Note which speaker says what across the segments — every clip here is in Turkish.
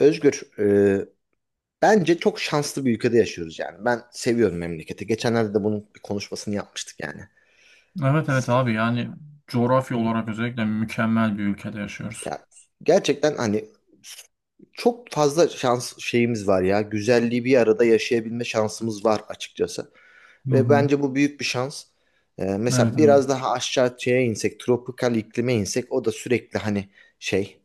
Speaker 1: Özgür, bence çok şanslı bir ülkede yaşıyoruz yani. Ben seviyorum memleketi. Geçenlerde de bunun bir konuşmasını yapmıştık yani.
Speaker 2: Evet, evet abi, yani coğrafya
Speaker 1: Hı hı.
Speaker 2: olarak özellikle mükemmel bir ülkede yaşıyoruz.
Speaker 1: Ya gerçekten hani çok fazla şans şeyimiz var ya. Güzelliği bir arada yaşayabilme şansımız var açıkçası.
Speaker 2: Hı
Speaker 1: Ve
Speaker 2: hı.
Speaker 1: bence bu büyük bir şans. Mesela
Speaker 2: Evet abi.
Speaker 1: biraz daha aşağı şeye insek, tropikal iklime insek, o da sürekli hani şey,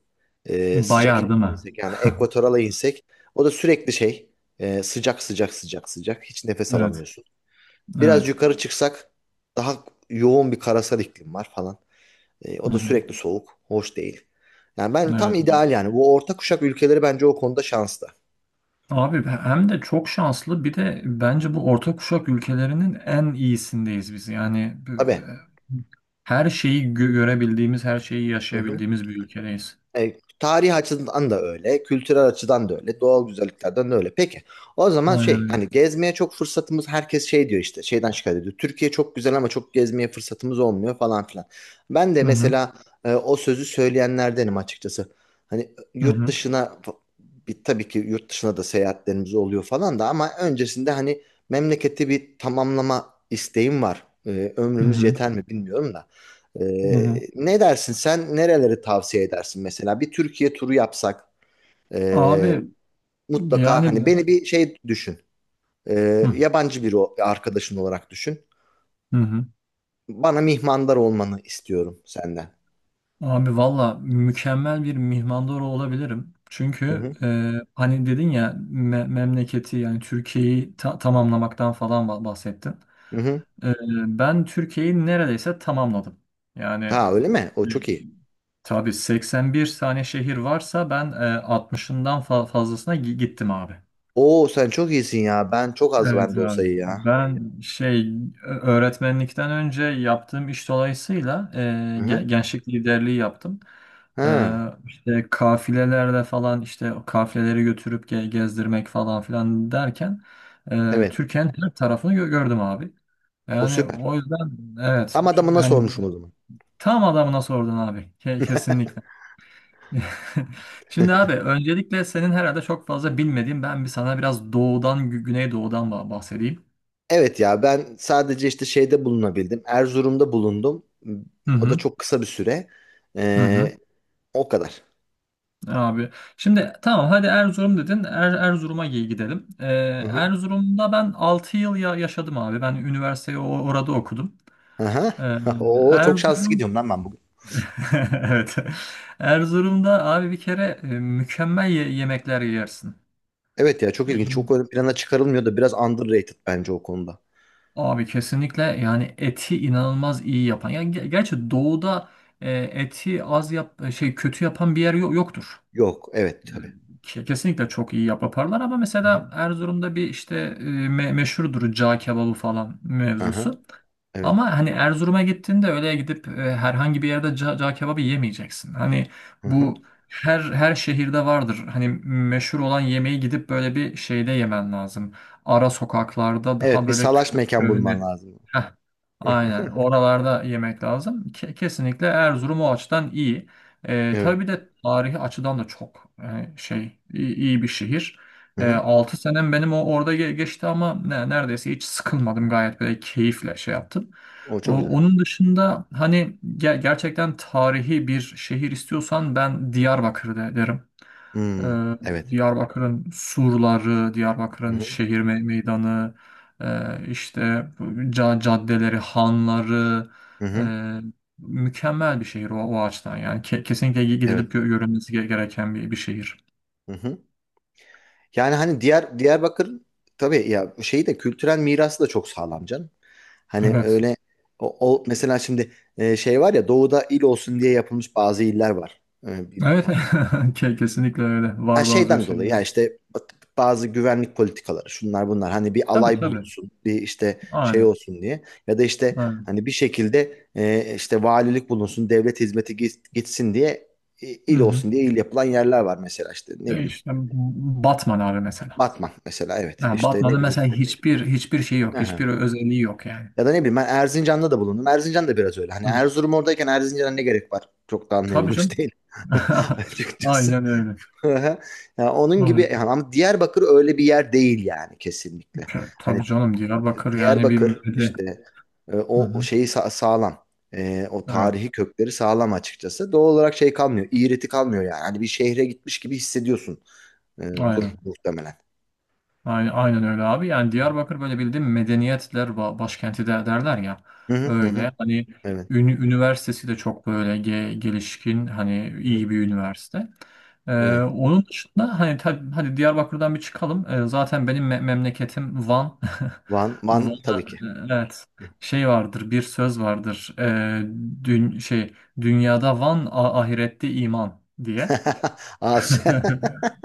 Speaker 1: sıcak
Speaker 2: Bayar değil
Speaker 1: iklime
Speaker 2: mi?
Speaker 1: insek yani ekvatorala insek, o da sürekli şey, sıcak sıcak sıcak sıcak, hiç nefes
Speaker 2: Evet.
Speaker 1: alamıyorsun. Biraz
Speaker 2: Evet.
Speaker 1: yukarı çıksak daha yoğun bir karasal iklim var falan.
Speaker 2: Hı
Speaker 1: O da
Speaker 2: hı.
Speaker 1: sürekli soğuk. Hoş değil. Yani ben tam
Speaker 2: Evet. Evet.
Speaker 1: ideal yani. Bu orta kuşak ülkeleri bence o konuda şanslı.
Speaker 2: Abi hem de çok şanslı, bir de bence bu orta kuşak ülkelerinin en iyisindeyiz biz. Yani e,
Speaker 1: Tabii.
Speaker 2: her şeyi görebildiğimiz, her şeyi
Speaker 1: Hı hı.
Speaker 2: yaşayabildiğimiz bir ülkedeyiz.
Speaker 1: E, Tarih açıdan da öyle, kültürel açıdan da öyle, doğal güzelliklerden de öyle. Peki, o zaman
Speaker 2: Aynen
Speaker 1: şey,
Speaker 2: öyle.
Speaker 1: hani gezmeye çok fırsatımız, herkes şey diyor işte, şeyden şikayet ediyor. Türkiye çok güzel ama çok gezmeye fırsatımız olmuyor falan filan. Ben de
Speaker 2: Hı hı.
Speaker 1: mesela o sözü söyleyenlerdenim açıkçası. Hani
Speaker 2: Hı
Speaker 1: yurt
Speaker 2: hı.
Speaker 1: dışına, bir, tabii ki yurt dışına da seyahatlerimiz oluyor falan da ama öncesinde hani memleketi bir tamamlama isteğim var.
Speaker 2: Hı
Speaker 1: Ömrümüz
Speaker 2: hı.
Speaker 1: yeter mi bilmiyorum da.
Speaker 2: Hı hı.
Speaker 1: Ne dersin, sen nereleri tavsiye edersin mesela bir Türkiye turu yapsak, ee,
Speaker 2: Abi
Speaker 1: mutlaka hani
Speaker 2: yani,
Speaker 1: beni bir şey düşün.
Speaker 2: hı
Speaker 1: Yabancı bir arkadaşın olarak düşün,
Speaker 2: hı.
Speaker 1: bana mihmandar olmanı istiyorum senden.
Speaker 2: Abi valla mükemmel bir mihmandar olabilirim.
Speaker 1: Hı
Speaker 2: Çünkü
Speaker 1: hı.
Speaker 2: hani dedin ya, memleketi yani Türkiye'yi tamamlamaktan falan bahsettin.
Speaker 1: Hı hı.
Speaker 2: E, Ben Türkiye'yi neredeyse tamamladım. Yani
Speaker 1: Ha, öyle mi? O
Speaker 2: e,
Speaker 1: çok iyi.
Speaker 2: tabii 81 tane şehir varsa, ben 60'ından fazlasına gittim abi.
Speaker 1: Oo, sen çok iyisin ya, ben çok az
Speaker 2: Evet
Speaker 1: bende o
Speaker 2: abi.
Speaker 1: sayı ya.
Speaker 2: Ben şey, öğretmenlikten önce yaptığım iş dolayısıyla
Speaker 1: Hı
Speaker 2: ge-
Speaker 1: hı.
Speaker 2: gençlik liderliği yaptım. E,
Speaker 1: Ha
Speaker 2: işte kafilelerle falan, işte o kafileleri götürüp gezdirmek falan filan derken
Speaker 1: evet,
Speaker 2: Türkiye'nin her tarafını gördüm abi.
Speaker 1: o
Speaker 2: Yani
Speaker 1: süper.
Speaker 2: o yüzden evet,
Speaker 1: Tam adamına
Speaker 2: hani
Speaker 1: sormuşum o zaman.
Speaker 2: tam adamına sordun abi. Kesinlikle. Şimdi abi, öncelikle senin herhalde çok fazla bilmediğin, ben bir sana biraz doğudan, güneydoğudan bahsedeyim.
Speaker 1: Evet ya, ben sadece işte şeyde bulunabildim, Erzurum'da bulundum.
Speaker 2: Hı
Speaker 1: O da
Speaker 2: hı.
Speaker 1: çok kısa bir süre.
Speaker 2: Hı hı,
Speaker 1: Ee, O kadar.
Speaker 2: abi. Şimdi tamam, hadi Erzurum dedin. Erzurum'a gidelim.
Speaker 1: Hı hı.
Speaker 2: Erzurum'da ben 6 yıl yaşadım abi. Ben üniversiteyi orada okudum.
Speaker 1: Aha.
Speaker 2: Ee,
Speaker 1: Oo çok şanslı
Speaker 2: Erzurum
Speaker 1: gidiyorum lan ben bugün.
Speaker 2: evet. Erzurum'da abi, bir kere mükemmel yemekler yersin.
Speaker 1: Evet ya, çok ilginç.
Speaker 2: Yani
Speaker 1: Çok ön plana çıkarılmıyor da biraz underrated bence o konuda.
Speaker 2: abi, kesinlikle, yani eti inanılmaz iyi yapan, yani gerçi doğuda eti az yap şey, kötü yapan bir yer yoktur.
Speaker 1: Yok, evet tabii.
Speaker 2: Kesinlikle çok iyi yaparlar ama
Speaker 1: Hı hı.
Speaker 2: mesela Erzurum'da bir işte, meşhurdur cağ kebabı falan
Speaker 1: Aha
Speaker 2: mevzusu.
Speaker 1: evet.
Speaker 2: Ama hani Erzurum'a gittiğinde öyle gidip herhangi bir yerde cağ kebabı yemeyeceksin. Hani
Speaker 1: Hı hı.
Speaker 2: bu her şehirde vardır. Hani meşhur olan yemeği gidip böyle bir şeyde yemen lazım. Ara sokaklarda, daha
Speaker 1: Evet, bir
Speaker 2: böyle
Speaker 1: salaş
Speaker 2: kö-
Speaker 1: mekan
Speaker 2: köhne.
Speaker 1: bulman lazım.
Speaker 2: Heh,
Speaker 1: Hı
Speaker 2: aynen.
Speaker 1: hı.
Speaker 2: Oralarda yemek lazım. Kesinlikle Erzurum o açıdan iyi.
Speaker 1: Evet.
Speaker 2: Tabii bir de tarihi açıdan da çok iyi bir şehir.
Speaker 1: Hı hı.
Speaker 2: 6 senem benim orada geçti ama neredeyse hiç sıkılmadım, gayet böyle keyifle şey yaptım.
Speaker 1: O
Speaker 2: O-
Speaker 1: çok güzel.
Speaker 2: Onun dışında hani gerçekten tarihi bir şehir istiyorsan, ben Diyarbakır derim.
Speaker 1: Hmm,
Speaker 2: Ee,
Speaker 1: evet.
Speaker 2: Diyarbakır'ın surları,
Speaker 1: Hı
Speaker 2: Diyarbakır'ın
Speaker 1: hı.
Speaker 2: şehir meydanı, işte caddeleri, hanları,
Speaker 1: Hı
Speaker 2: e,
Speaker 1: hı.
Speaker 2: mükemmel bir şehir o açıdan. Yani kesinlikle gidilip
Speaker 1: Evet.
Speaker 2: görülmesi gereken bir şehir.
Speaker 1: Hı hı. Yani hani diğer Diyarbakır, tabii ya şeyi de, kültürel mirası da çok sağlam canım. Hani
Speaker 2: Evet.
Speaker 1: öyle o, mesela şimdi şey var ya, doğuda il olsun diye yapılmış bazı iller var. E, bir-
Speaker 2: Evet. Kesinlikle öyle.
Speaker 1: ha,
Speaker 2: Var bazı
Speaker 1: şeyden dolayı
Speaker 2: şeyler.
Speaker 1: ya işte bazı güvenlik politikaları, şunlar bunlar, hani bir
Speaker 2: Tabii,
Speaker 1: alay
Speaker 2: tabii.
Speaker 1: bulunsun, bir işte şey
Speaker 2: Aynen.
Speaker 1: olsun diye, ya da işte
Speaker 2: Aynen.
Speaker 1: hani bir şekilde işte valilik bulunsun, devlet hizmeti gitsin diye
Speaker 2: Hı
Speaker 1: il
Speaker 2: hı.
Speaker 1: olsun diye il yapılan yerler var, mesela işte ne
Speaker 2: Ya
Speaker 1: bileyim
Speaker 2: işte Batman abi, mesela.
Speaker 1: Batman mesela, evet
Speaker 2: Yani
Speaker 1: işte ne
Speaker 2: Batman'ın mesela
Speaker 1: bileyim.
Speaker 2: hiçbir şey yok,
Speaker 1: Aha.
Speaker 2: hiçbir özelliği yok yani.
Speaker 1: Ya da ne bileyim ben Erzincan'da da bulundum. Erzincan da biraz öyle. Hani
Speaker 2: Hı.
Speaker 1: Erzurum oradayken Erzincan'a ne gerek var? Çok da
Speaker 2: Tabii
Speaker 1: anlayabilmiş
Speaker 2: canım.
Speaker 1: değil. Açıkçası.
Speaker 2: Aynen öyle.
Speaker 1: Yani onun gibi
Speaker 2: Aynen.
Speaker 1: yani, ama Diyarbakır öyle bir yer değil yani, kesinlikle.
Speaker 2: Tabii
Speaker 1: Hani
Speaker 2: canım, Diyarbakır yani bir
Speaker 1: Diyarbakır
Speaker 2: müde.
Speaker 1: işte
Speaker 2: Hı
Speaker 1: o
Speaker 2: hı.
Speaker 1: şeyi sağlam. O
Speaker 2: Evet.
Speaker 1: tarihi kökleri sağlam açıkçası. Doğal olarak şey kalmıyor. İğreti kalmıyor yani. Hani bir şehre gitmiş gibi hissediyorsun. E, Dur
Speaker 2: Aynen.
Speaker 1: muhtemelen.
Speaker 2: Aynen, aynen öyle abi. Yani Diyarbakır böyle, bildiğin, medeniyetler başkenti de derler ya.
Speaker 1: Hı hı hı.
Speaker 2: Öyle.
Speaker 1: Hı.
Speaker 2: Hani
Speaker 1: Evet.
Speaker 2: üniversitesi de çok böyle gelişkin, hani
Speaker 1: Hı hı.
Speaker 2: iyi bir üniversite. Ee,
Speaker 1: Evet.
Speaker 2: Onun dışında, hani tabii hadi Diyarbakır'dan bir çıkalım. Zaten benim memleketim Van.
Speaker 1: Van, Van tabii
Speaker 2: Van'a,
Speaker 1: ki.
Speaker 2: evet. Şey vardır, bir söz vardır. Dün şey Dünyada Van, ahirette iman diye.
Speaker 1: Asya.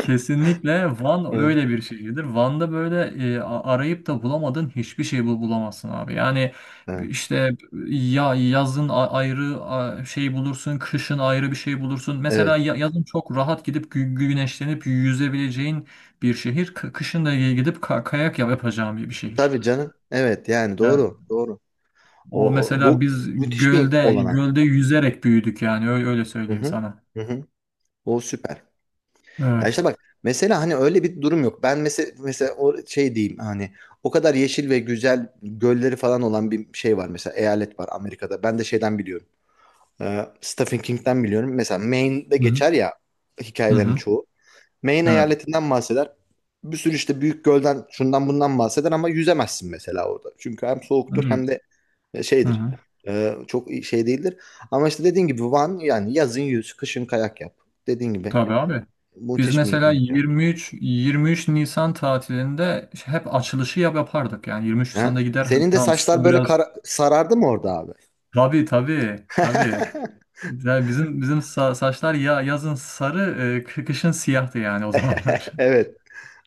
Speaker 2: Kesinlikle Van
Speaker 1: Evet.
Speaker 2: öyle bir şehirdir. Van'da böyle, arayıp da bulamadığın hiçbir şey bulamazsın abi. Yani
Speaker 1: Ha,
Speaker 2: işte yazın ayrı şey bulursun, kışın ayrı bir şey bulursun. Mesela
Speaker 1: evet.
Speaker 2: yazın çok rahat gidip güneşlenip yüzebileceğin bir şehir, kışın da gidip kayak yapacağın bir şehir.
Speaker 1: Tabii canım. Evet yani
Speaker 2: Yani
Speaker 1: doğru. Doğru.
Speaker 2: o,
Speaker 1: O,
Speaker 2: mesela biz
Speaker 1: Müthiş bir
Speaker 2: gölde
Speaker 1: olanak.
Speaker 2: gölde yüzerek büyüdük yani, öyle, öyle
Speaker 1: Hı
Speaker 2: söyleyeyim
Speaker 1: hı.
Speaker 2: sana.
Speaker 1: Hı hı. O süper. Ya
Speaker 2: Evet.
Speaker 1: işte bak, mesela hani öyle bir durum yok. Ben mesela, o şey diyeyim hani, o kadar yeşil ve güzel gölleri falan olan bir şey var, mesela eyalet var Amerika'da. Ben de şeyden biliyorum. Stephen King'den biliyorum. Mesela Maine'de
Speaker 2: Hı hı.
Speaker 1: geçer ya
Speaker 2: Hı
Speaker 1: hikayelerin
Speaker 2: hı.
Speaker 1: çoğu. Maine
Speaker 2: Evet.
Speaker 1: eyaletinden bahseder. Bir sürü işte büyük gölden, şundan bundan bahseder ama yüzemezsin mesela orada. Çünkü hem soğuktur
Speaker 2: Evet.
Speaker 1: hem de
Speaker 2: Hı
Speaker 1: şeydir.
Speaker 2: hı.
Speaker 1: Çok şey değildir. Ama işte dediğin gibi Van, yani yazın yüz, kışın kayak yap. Dediğin gibi.
Speaker 2: Tabii abi. Biz
Speaker 1: Müthiş bir
Speaker 2: mesela
Speaker 1: imkan.
Speaker 2: 23 Nisan tatilinde hep açılışı yapardık. Yani 23
Speaker 1: Ha?
Speaker 2: Nisan'da gider, hani
Speaker 1: Senin de
Speaker 2: tamam
Speaker 1: saçlar
Speaker 2: su
Speaker 1: böyle
Speaker 2: biraz,
Speaker 1: sarardı mı orada abi?
Speaker 2: tabii, tabii, tabii. Yani bizim saçlar yazın sarı, kışın siyahtı yani o zamanlar.
Speaker 1: Evet.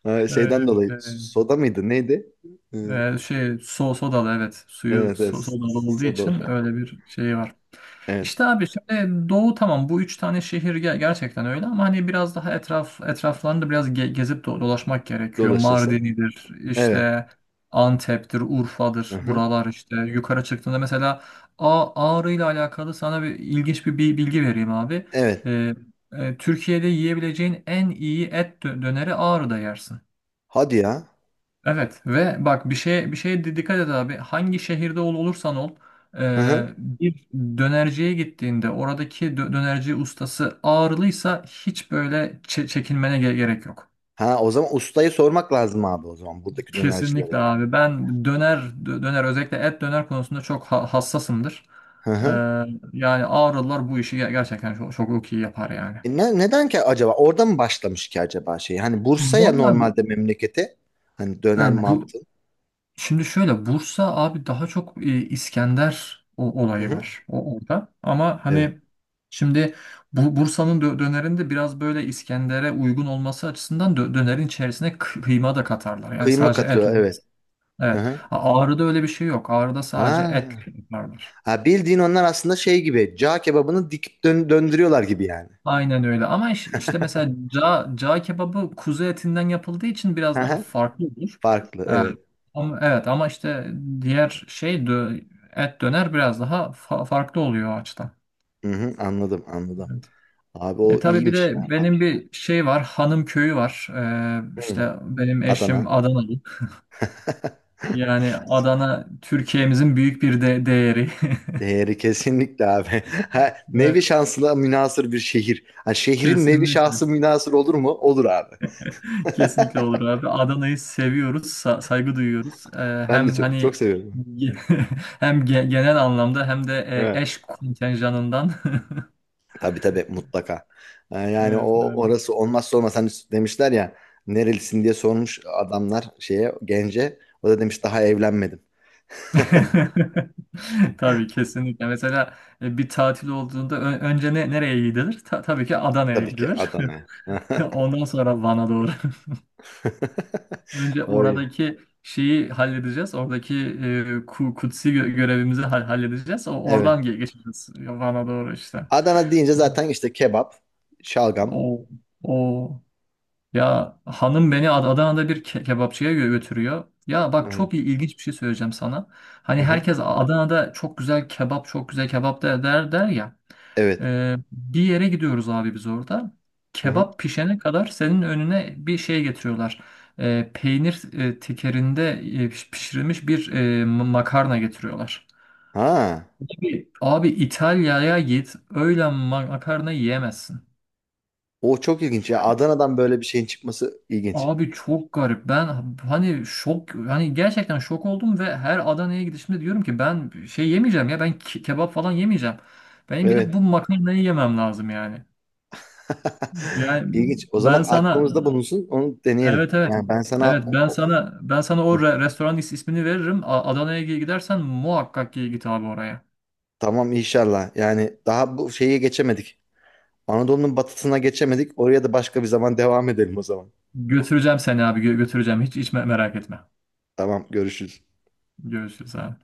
Speaker 1: Şeyden
Speaker 2: Öyle bir
Speaker 1: dolayı.
Speaker 2: şey.
Speaker 1: Soda mıydı? Neydi? E,
Speaker 2: Sodalı, evet. Suyu
Speaker 1: Evet, evet.
Speaker 2: sodalı olduğu
Speaker 1: Soda.
Speaker 2: için öyle bir şey var.
Speaker 1: Evet.
Speaker 2: İşte abi, şimdi doğu, tamam, bu üç tane şehir gerçekten öyle, ama hani biraz daha etraflarında biraz gezip dolaşmak gerekiyor.
Speaker 1: Dolaşıyorsun.
Speaker 2: Mardin'idir
Speaker 1: Evet.
Speaker 2: işte, Antep'tir, Urfa'dır
Speaker 1: Hı-hı.
Speaker 2: buralar. İşte yukarı çıktığında mesela, Ağrı ile alakalı sana bir ilginç bilgi vereyim abi.
Speaker 1: Evet.
Speaker 2: Ee, Türkiye'de yiyebileceğin en iyi et döneri Ağrı'da yersin.
Speaker 1: Hadi ya.
Speaker 2: Evet, ve bak bir şeye dikkat et abi. Hangi şehirde olursan ol,
Speaker 1: Hı-hı.
Speaker 2: bir dönerciye gittiğinde oradaki dönerci ustası ağırlıysa hiç böyle çekinmene gerek yok.
Speaker 1: Ha, o zaman ustayı sormak lazım abi o zaman, buradaki
Speaker 2: Kesinlikle
Speaker 1: dönercilere de.
Speaker 2: abi. Ben döner, özellikle et döner konusunda çok hassasımdır. E,
Speaker 1: Hı-hı.
Speaker 2: Yani ağırlılar bu işi gerçekten çok, çok iyi yapar yani.
Speaker 1: E neden ki acaba? Orada mı başlamış ki acaba şey? Hani Bursa'ya
Speaker 2: Vallahi bu
Speaker 1: normalde, memlekete, hani döner
Speaker 2: e, bu
Speaker 1: mantı.
Speaker 2: Şimdi şöyle, Bursa abi daha çok İskender o,
Speaker 1: Hı
Speaker 2: olayı
Speaker 1: hı.
Speaker 2: var orada. Ama
Speaker 1: Evet.
Speaker 2: hani şimdi, bu Bursa'nın dönerinde biraz böyle İskender'e uygun olması açısından dönerin içerisine kıyma da katarlar. Yani
Speaker 1: Kıyma
Speaker 2: sadece et
Speaker 1: katıyor, evet.
Speaker 2: olmaz.
Speaker 1: Hı
Speaker 2: Evet.
Speaker 1: hı.
Speaker 2: Ağrı'da öyle bir şey yok. Ağrı'da sadece et
Speaker 1: Ha.
Speaker 2: yaparlar.
Speaker 1: Ha, bildiğin onlar aslında şey gibi. Cağ kebabını dikip döndürüyorlar gibi yani.
Speaker 2: Aynen öyle. Ama işte mesela cağ kebabı kuzu etinden yapıldığı için
Speaker 1: Hı
Speaker 2: biraz daha
Speaker 1: hı.
Speaker 2: farklı olur.
Speaker 1: Farklı,
Speaker 2: Ee,
Speaker 1: evet.
Speaker 2: ama işte, diğer şey dö- et döner biraz daha farklı oluyor o açıdan.
Speaker 1: Hı hı, anladım anladım.
Speaker 2: Evet.
Speaker 1: Abi o
Speaker 2: Tabii bir
Speaker 1: iyiymiş ya.
Speaker 2: de benim bir şey var, hanım köyü var.
Speaker 1: Hı.
Speaker 2: İşte benim eşim
Speaker 1: Adana.
Speaker 2: Adanalı. Yani Adana, Türkiye'mizin büyük bir de değeri.
Speaker 1: Değeri kesinlikle abi. Ha,
Speaker 2: Evet,
Speaker 1: nevi şansına münasır bir şehir. Ha, şehrin nevi
Speaker 2: kesinlikle.
Speaker 1: şahsı münasır olur mu? Olur abi.
Speaker 2: Kesinlikle olur abi. Adana'yı seviyoruz, saygı duyuyoruz.
Speaker 1: Ben de
Speaker 2: Hem
Speaker 1: çok, çok
Speaker 2: hani
Speaker 1: seviyorum.
Speaker 2: hem genel anlamda, hem de
Speaker 1: Evet.
Speaker 2: eş kontenjanından.
Speaker 1: Tabii tabii, mutlaka. Yani
Speaker 2: Evet
Speaker 1: o,
Speaker 2: abi.
Speaker 1: orası olmazsa olmaz. Hani demişler ya, nerelisin diye sormuş adamlar şeye, gence. O da demiş daha evlenmedim.
Speaker 2: Tabii, kesinlikle. Mesela bir tatil olduğunda önce nereye gidilir? Tabii ki Adana'ya
Speaker 1: Tabii ki
Speaker 2: gidilir.
Speaker 1: Adana'ya.
Speaker 2: Ondan sonra Van'a doğru. Önce
Speaker 1: Oy.
Speaker 2: oradaki şeyi halledeceğiz. Oradaki kutsi görevimizi halledeceğiz. O-
Speaker 1: Evet.
Speaker 2: Oradan geçeceğiz Van'a doğru işte.
Speaker 1: Adana deyince zaten işte kebap, şalgam.
Speaker 2: O, o ya hanım beni Adana'da bir kebapçıya götürüyor. Ya bak,
Speaker 1: Evet.
Speaker 2: çok ilginç bir şey söyleyeceğim sana.
Speaker 1: Hı
Speaker 2: Hani
Speaker 1: hı.
Speaker 2: herkes Adana'da çok güzel kebap, çok güzel kebap der ya.
Speaker 1: Evet.
Speaker 2: Bir yere gidiyoruz abi biz orada.
Speaker 1: Hı hı.
Speaker 2: Kebap pişene kadar senin önüne bir şey getiriyorlar. Peynir tekerinde pişirilmiş bir makarna getiriyorlar.
Speaker 1: Ha.
Speaker 2: Abi, abi İtalya'ya git, öyle makarna yiyemezsin.
Speaker 1: O çok ilginç ya. Adana'dan böyle bir şeyin çıkması ilginç.
Speaker 2: Abi çok garip. Ben hani hani gerçekten şok oldum, ve her Adana'ya gidişimde diyorum ki, ben şey yemeyeceğim ya, ben kebap falan yemeyeceğim. Benim gidip
Speaker 1: Evet.
Speaker 2: bu makarnayı yemem lazım yani. Yani
Speaker 1: İlginç. O
Speaker 2: ben
Speaker 1: zaman
Speaker 2: sana,
Speaker 1: aklımızda bulunsun. Onu deneyelim.
Speaker 2: evet, evet,
Speaker 1: Yani ben sana
Speaker 2: evet, ben sana o restoran ismini veririm. Adana'ya gidersen muhakkak ki git abi oraya.
Speaker 1: tamam inşallah. Yani daha bu şeye geçemedik. Anadolu'nun batısına geçemedik. Oraya da başka bir zaman devam edelim o zaman.
Speaker 2: Götüreceğim seni abi, götüreceğim. Hiç hiç merak etme.
Speaker 1: Tamam, görüşürüz.
Speaker 2: Görüşürüz abi.